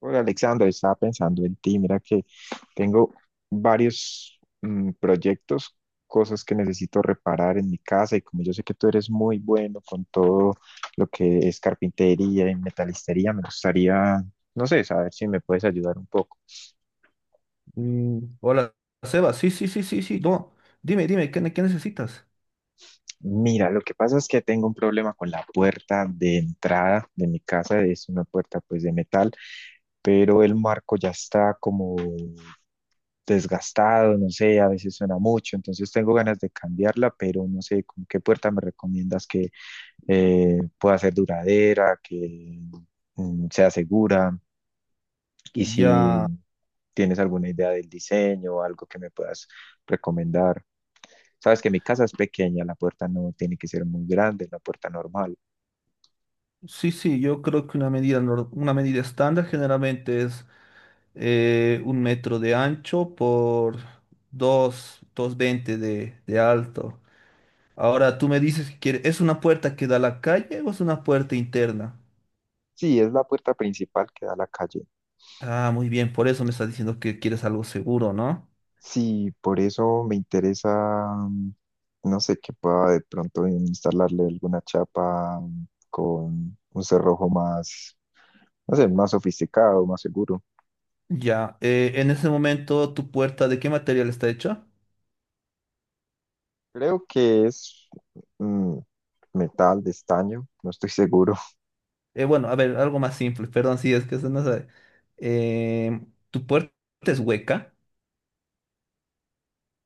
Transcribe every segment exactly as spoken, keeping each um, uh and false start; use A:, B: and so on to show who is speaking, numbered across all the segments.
A: Hola, Alexander, estaba pensando en ti. Mira que tengo varios mm, proyectos, cosas que necesito reparar en mi casa, y como yo sé que tú eres muy bueno con todo lo que es carpintería y metalistería, me gustaría, no sé, saber si me puedes ayudar un poco.
B: Mm, hola, Seba. Sí, sí, sí, sí, sí. No, dime, dime, ¿qué, ne- qué necesitas?
A: Mira, lo que pasa es que tengo un problema con la puerta de entrada de mi casa. Es una puerta pues de metal, pero el marco ya está como desgastado, no sé, a veces suena mucho. Entonces tengo ganas de cambiarla, pero no sé con qué puerta me recomiendas que eh, pueda ser duradera, que mm, sea segura, y si
B: Ya,
A: tienes alguna idea del diseño o algo que me puedas recomendar. Sabes que mi casa es pequeña, la puerta no tiene que ser muy grande, es la puerta normal.
B: sí, sí, yo creo que una medida, nor- una medida estándar generalmente es eh, un metro de ancho por dos, dos veinte de, de alto. Ahora, tú me dices que quiere- ¿es una puerta que da a la calle o es una puerta interna?
A: Sí, es la puerta principal que da a la calle.
B: Ah, muy bien, por eso me estás diciendo que quieres algo seguro, ¿no?
A: Sí, por eso me interesa, mm, no sé, que pueda de pronto instalarle alguna chapa mm, con un cerrojo más, no sé, más sofisticado, más seguro.
B: Ya, eh, en ese momento, ¿tu puerta de qué material está hecha?
A: Creo que es mm, metal de estaño, no estoy seguro.
B: Eh, bueno, a ver, algo más simple, perdón, sí, es que se nos sabe. Eh, Tu puerta es hueca.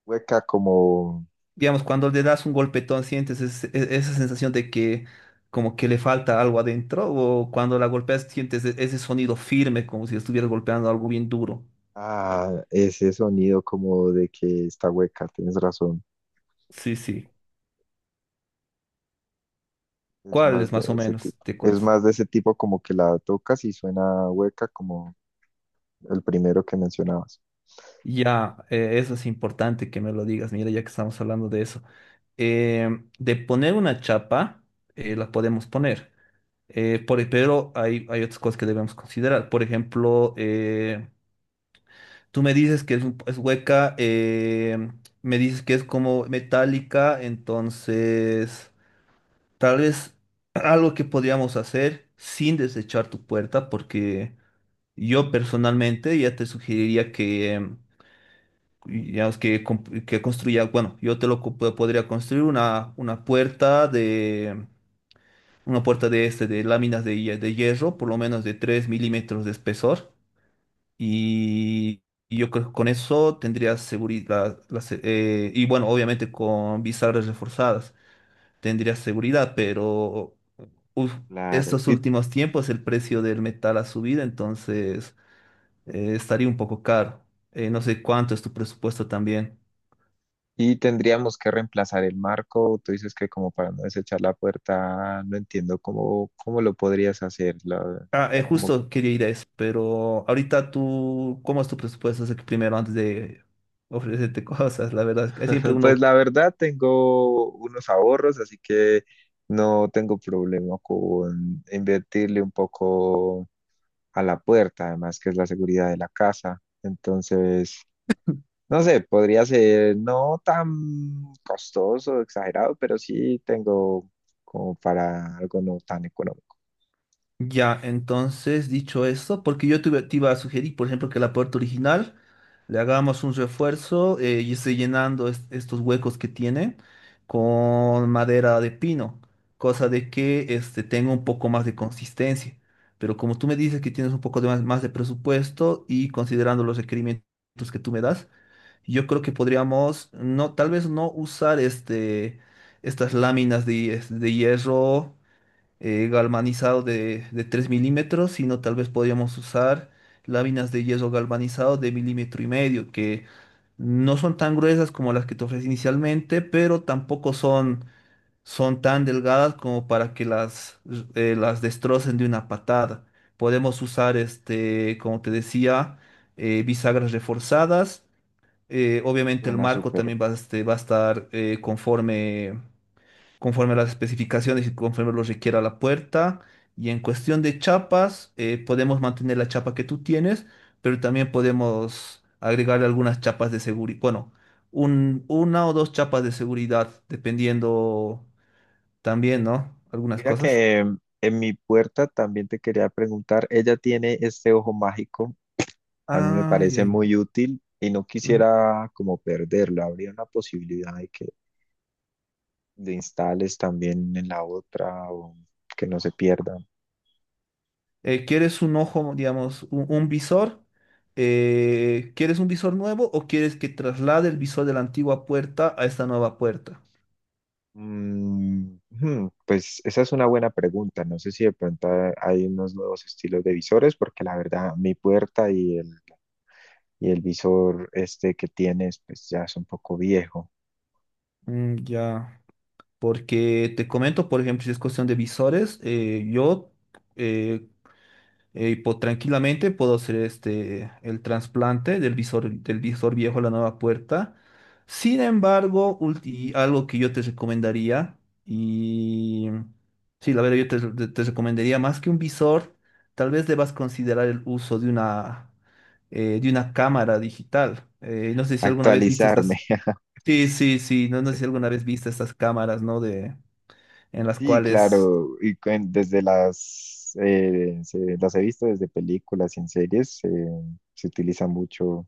A: ¿Hueca como?
B: Digamos, cuando le das un golpetón, sientes es- e- esa sensación de que como que le falta algo adentro, o cuando la golpeas, sientes e- ese sonido firme, como si estuvieras golpeando algo bien duro.
A: Ah, ese sonido como de que está hueca, tienes razón.
B: Sí, sí.
A: Es
B: ¿Cuál
A: más
B: es
A: de
B: más o
A: ese
B: menos?
A: tipo.
B: ¿Te
A: Es
B: acuerdas?
A: más de ese tipo, como que la tocas y suena hueca como el primero que mencionabas.
B: Ya, eh, eso es importante que me lo digas, mira, ya que estamos hablando de eso. Eh, de poner una chapa, eh, la podemos poner. Eh, por- e, pero hay, hay otras cosas que debemos considerar. Por ejemplo, eh, tú me dices que es, un- es hueca, eh, me dices que es como metálica, entonces tal vez algo que podríamos hacer sin desechar tu puerta, porque yo personalmente ya te sugeriría que, em, digamos, que, comp- que construya, bueno, yo te lo co- podría construir una, una puerta. Una puerta de este, de láminas de, hie- de hierro, por lo menos de tres milímetros de espesor. Y, y yo creo que con eso tendrías seguridad. La se- eh, y bueno, obviamente con bisagras reforzadas tendrías seguridad, pero uf,
A: Claro.
B: estos
A: ¿Y
B: últimos tiempos el precio del metal ha subido, entonces eh, estaría un poco caro. Eh, no sé cuánto es tu presupuesto también.
A: y tendríamos que reemplazar el marco? Tú dices que como para no desechar la puerta, no entiendo cómo, cómo lo podrías hacer. la-
B: Ah, eh,
A: como-
B: justo quería ir a eso, pero ahorita tú, ¿cómo es tu presupuesto? Así que primero antes de ofrecerte cosas, la verdad, es que siempre uno...
A: pues la verdad tengo unos ahorros, así que no tengo problema con invertirle un poco a la puerta, además que es la seguridad de la casa. Entonces, no sé, podría ser no tan costoso, exagerado, pero sí tengo como para algo no tan económico.
B: Ya, entonces, dicho esto, porque yo te, iba te iba a sugerir, por ejemplo, que la puerta original le hagamos un refuerzo eh, y esté llenando es- estos huecos que tiene con madera de pino, cosa de que este, tenga un poco más
A: Ujú.
B: de consistencia. Pero como tú me dices que tienes un poco de más, más de presupuesto y considerando los requerimientos que tú me das, yo creo que podríamos, no, tal vez no usar este, estas láminas de, de hierro eh, galvanizado de, de tres milímetros, sino tal vez podríamos usar láminas de hierro galvanizado de milímetro y medio, que no son tan gruesas como las que te ofrecí inicialmente, pero tampoco son, son tan delgadas como para que las, eh, las destrocen de una patada. Podemos usar, este, como te decía, eh, bisagras reforzadas. Eh, obviamente el
A: Suena
B: marco
A: súper.
B: también va a, este, va a estar eh, conforme, conforme a las especificaciones y conforme lo requiera la puerta. Y en cuestión de chapas, eh, podemos mantener la chapa que tú tienes, pero también podemos agregarle algunas chapas de seguridad. Bueno, un- una o dos chapas de seguridad, dependiendo también, ¿no? Algunas
A: Mira
B: cosas.
A: que em, en mi puerta también te quería preguntar, ella tiene este ojo mágico, a mí me
B: Ah, ya,
A: parece
B: ya.
A: muy útil y no quisiera como perderlo. ¿Habría una posibilidad de que le instales también en la otra o que no se pierda?
B: Eh, ¿quieres un ojo, digamos, un, un visor? Eh, ¿quieres un visor nuevo o quieres que traslade el visor de la antigua puerta a esta nueva puerta?
A: Mm, hmm, pues esa es una buena pregunta. No sé si de pronto ha- hay unos nuevos estilos de visores, porque la verdad mi puerta y el, y el visor este que tienes pues ya es un poco viejo.
B: Mm, ya, porque te comento, por ejemplo, si es cuestión de visores, eh, yo, eh, eh, y po- tranquilamente puedo hacer este, el trasplante del visor, del visor viejo a la nueva puerta. Sin embargo, ulti- algo que yo te recomendaría, y sí, la verdad yo te, te- te recomendaría más que un visor, tal vez debas considerar el uso de una, eh, de una cámara digital. Eh, no sé si alguna vez viste
A: Actualizarme.
B: estas... Sí, sí, sí, no, no sé si alguna vez viste estas cámaras, ¿no? De, en las
A: Sí,
B: cuales.
A: claro, y cuen- desde las, eh, se- las he visto desde películas y en series. Eh, se utiliza mucho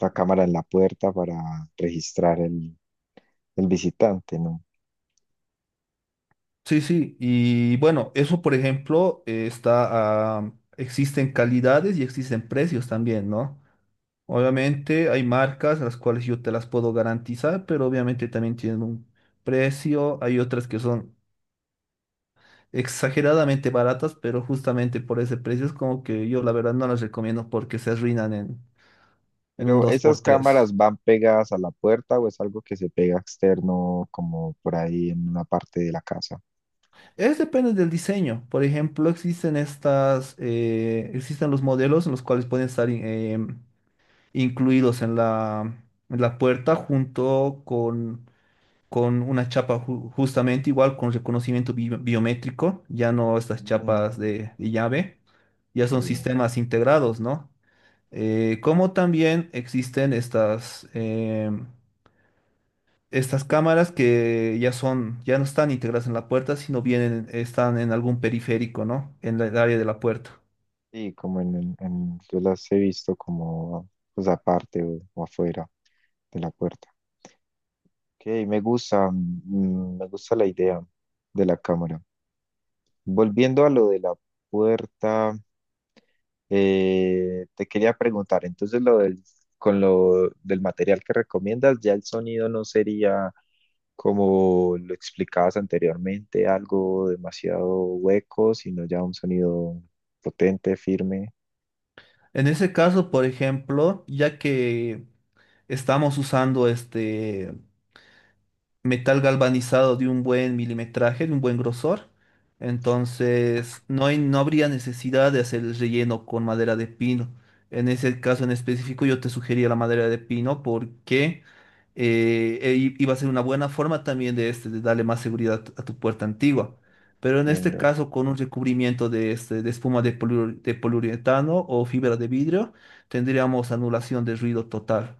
A: la cámara en la puerta para registrar el, el visitante, ¿no?
B: Sí, sí, y bueno, eso por ejemplo eh, está, ah, existen calidades y existen precios también, ¿no? Obviamente hay marcas las cuales yo te las puedo garantizar, pero obviamente también tienen un precio, hay otras que son exageradamente baratas, pero justamente por ese precio es como que yo la verdad no las recomiendo porque se arruinan en, en un
A: Pero
B: dos
A: ¿esas
B: por tres.
A: cámaras van pegadas a la puerta o es algo que se pega externo como por ahí en una parte de la casa?
B: Es depende del diseño, por ejemplo, existen estas, eh, existen los modelos en los cuales pueden estar... em, incluidos en la, en la puerta junto con, con una chapa ju- justamente igual con reconocimiento bi- biométrico, ya no estas chapas
A: Mm,
B: de, de llave, ya son
A: sí,
B: sistemas integrados, ¿no? Eh, como también existen estas, em, estas cámaras que ya son, ya no están integradas en la puerta, sino vienen, están en algún periférico, ¿no? En la- el área de la puerta.
A: sí, como en, en- en- yo las he visto como pues aparte o o afuera de la puerta. Ok, me gusta, mm, me gusta la idea de la cámara. Volviendo a lo de la puerta, eh, te quería preguntar, entonces lo del, con lo del material que recomiendas, ya el sonido no sería como lo explicabas anteriormente, algo demasiado hueco, sino ya un sonido potente, firme.
B: En ese caso, por ejemplo, ya que estamos usando este, metal galvanizado de un buen milimetraje, de un buen grosor. Entonces, no hay- no habría necesidad de hacer el relleno con madera de pino. En ese caso en específico, yo te sugería la madera de pino porque eh, e- i- iba a ser una buena forma también de, este, de darle más seguridad a tu a tu puerta antigua. Pero en este
A: Entiendo.
B: caso, con un recubrimiento de, este, de espuma de, poliur- de poliuretano o fibra de vidrio, tendríamos anulación de ruido total.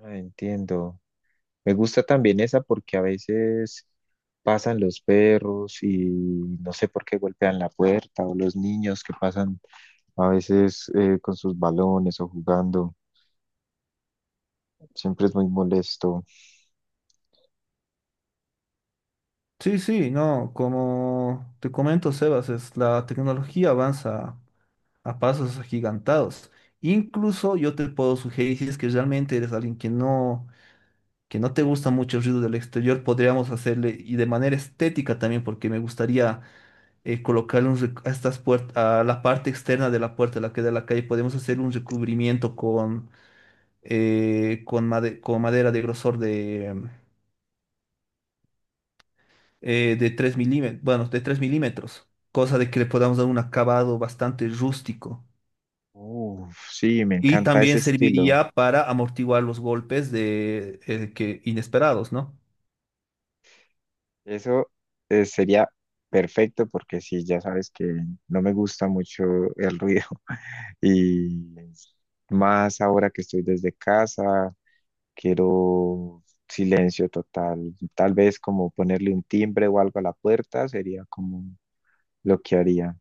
A: Ah, entiendo. Me gusta también esa porque a veces pasan los perros y no sé por qué golpean la puerta o los niños que pasan a veces eh, con sus balones o jugando. Siempre es muy molesto.
B: Sí, sí, no, como te comento, Sebas, es, la tecnología avanza a pasos agigantados. Incluso yo te puedo sugerir, si es que realmente eres alguien que no, que no te gusta mucho el ruido del exterior, podríamos hacerle, y de manera estética también, porque me gustaría eh, colocarle un rec- a estas puertas, a la parte externa de la puerta, la que da a la calle, podemos hacer un recubrimiento con, eh, con, made- con madera de grosor eh, de tres milímetros, bueno, de tres milímetros, cosa de que le podamos dar un acabado bastante rústico.
A: Uf, sí, me
B: Y
A: encanta ese
B: también
A: estilo.
B: serviría para amortiguar los golpes de, eh, que, inesperados, ¿no?
A: Eso eh, sería perfecto, porque sí, ya sabes que no me gusta mucho el ruido y más ahora que estoy desde casa. Quiero silencio total. Tal vez como ponerle un timbre o algo a la puerta sería como lo que haría.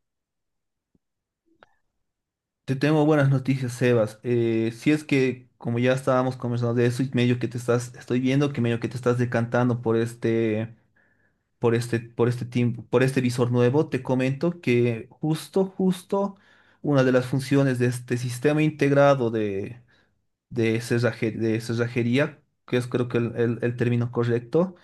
B: Te tengo buenas noticias, Sebas. Eh, si es que, como ya estábamos conversando de eso, y medio que te estás, estoy viendo que medio que te estás decantando por este, por este, por este tiempo, por este visor nuevo, te comento que justo, justo, una de las funciones de este sistema integrado de, de cerraje- de cerrajería, que es creo que el, el- el término correcto,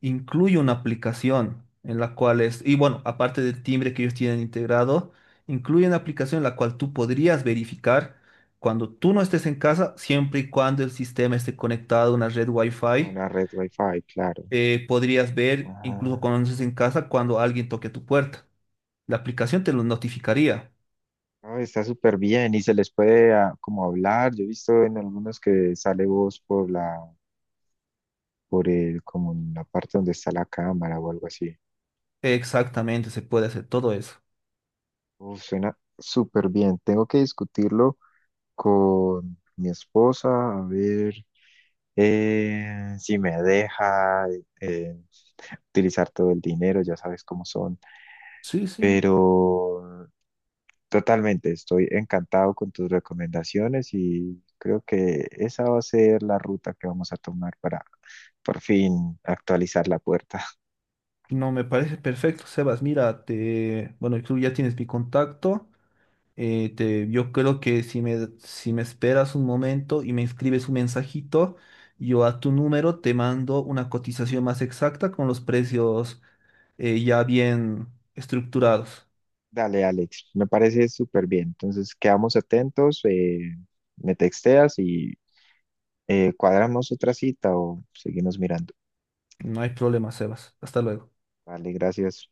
B: incluye una aplicación en la cual es, y bueno, aparte del timbre que ellos tienen integrado, incluye una aplicación en la cual tú podrías verificar cuando tú no estés en casa, siempre y cuando el sistema esté conectado a una red wifi,
A: Una red wifi, claro.
B: eh, podrías ver, incluso
A: Ah,
B: cuando no estés en casa, cuando alguien toque tu puerta. La aplicación te lo notificaría.
A: no, está súper bien, y se les puede ah, como hablar. Yo he visto en algunos que sale voz por la, por el, como en la parte donde está la cámara o algo así.
B: Exactamente, se puede hacer todo eso.
A: Uf, suena súper bien. Tengo que discutirlo con mi esposa, a ver eh, si me deja eh, utilizar todo el dinero, ya sabes cómo son,
B: Sí, sí.
A: pero totalmente, estoy encantado con tus recomendaciones y creo que esa va a ser la ruta que vamos a tomar para por fin actualizar la puerta.
B: No, me parece perfecto, Sebas. Mira, te, bueno, tú ya tienes mi contacto. Eh, te, yo creo que si me, si me esperas un momento y me escribes un mensajito, yo a tu número te mando una cotización más exacta con los precios eh, ya bien estructurados.
A: Dale, Alex, me parece súper bien. Entonces, quedamos atentos, eh, me texteas y eh, cuadramos otra cita o seguimos mirando.
B: No hay problema, Sebas. Hasta luego.
A: Vale, gracias.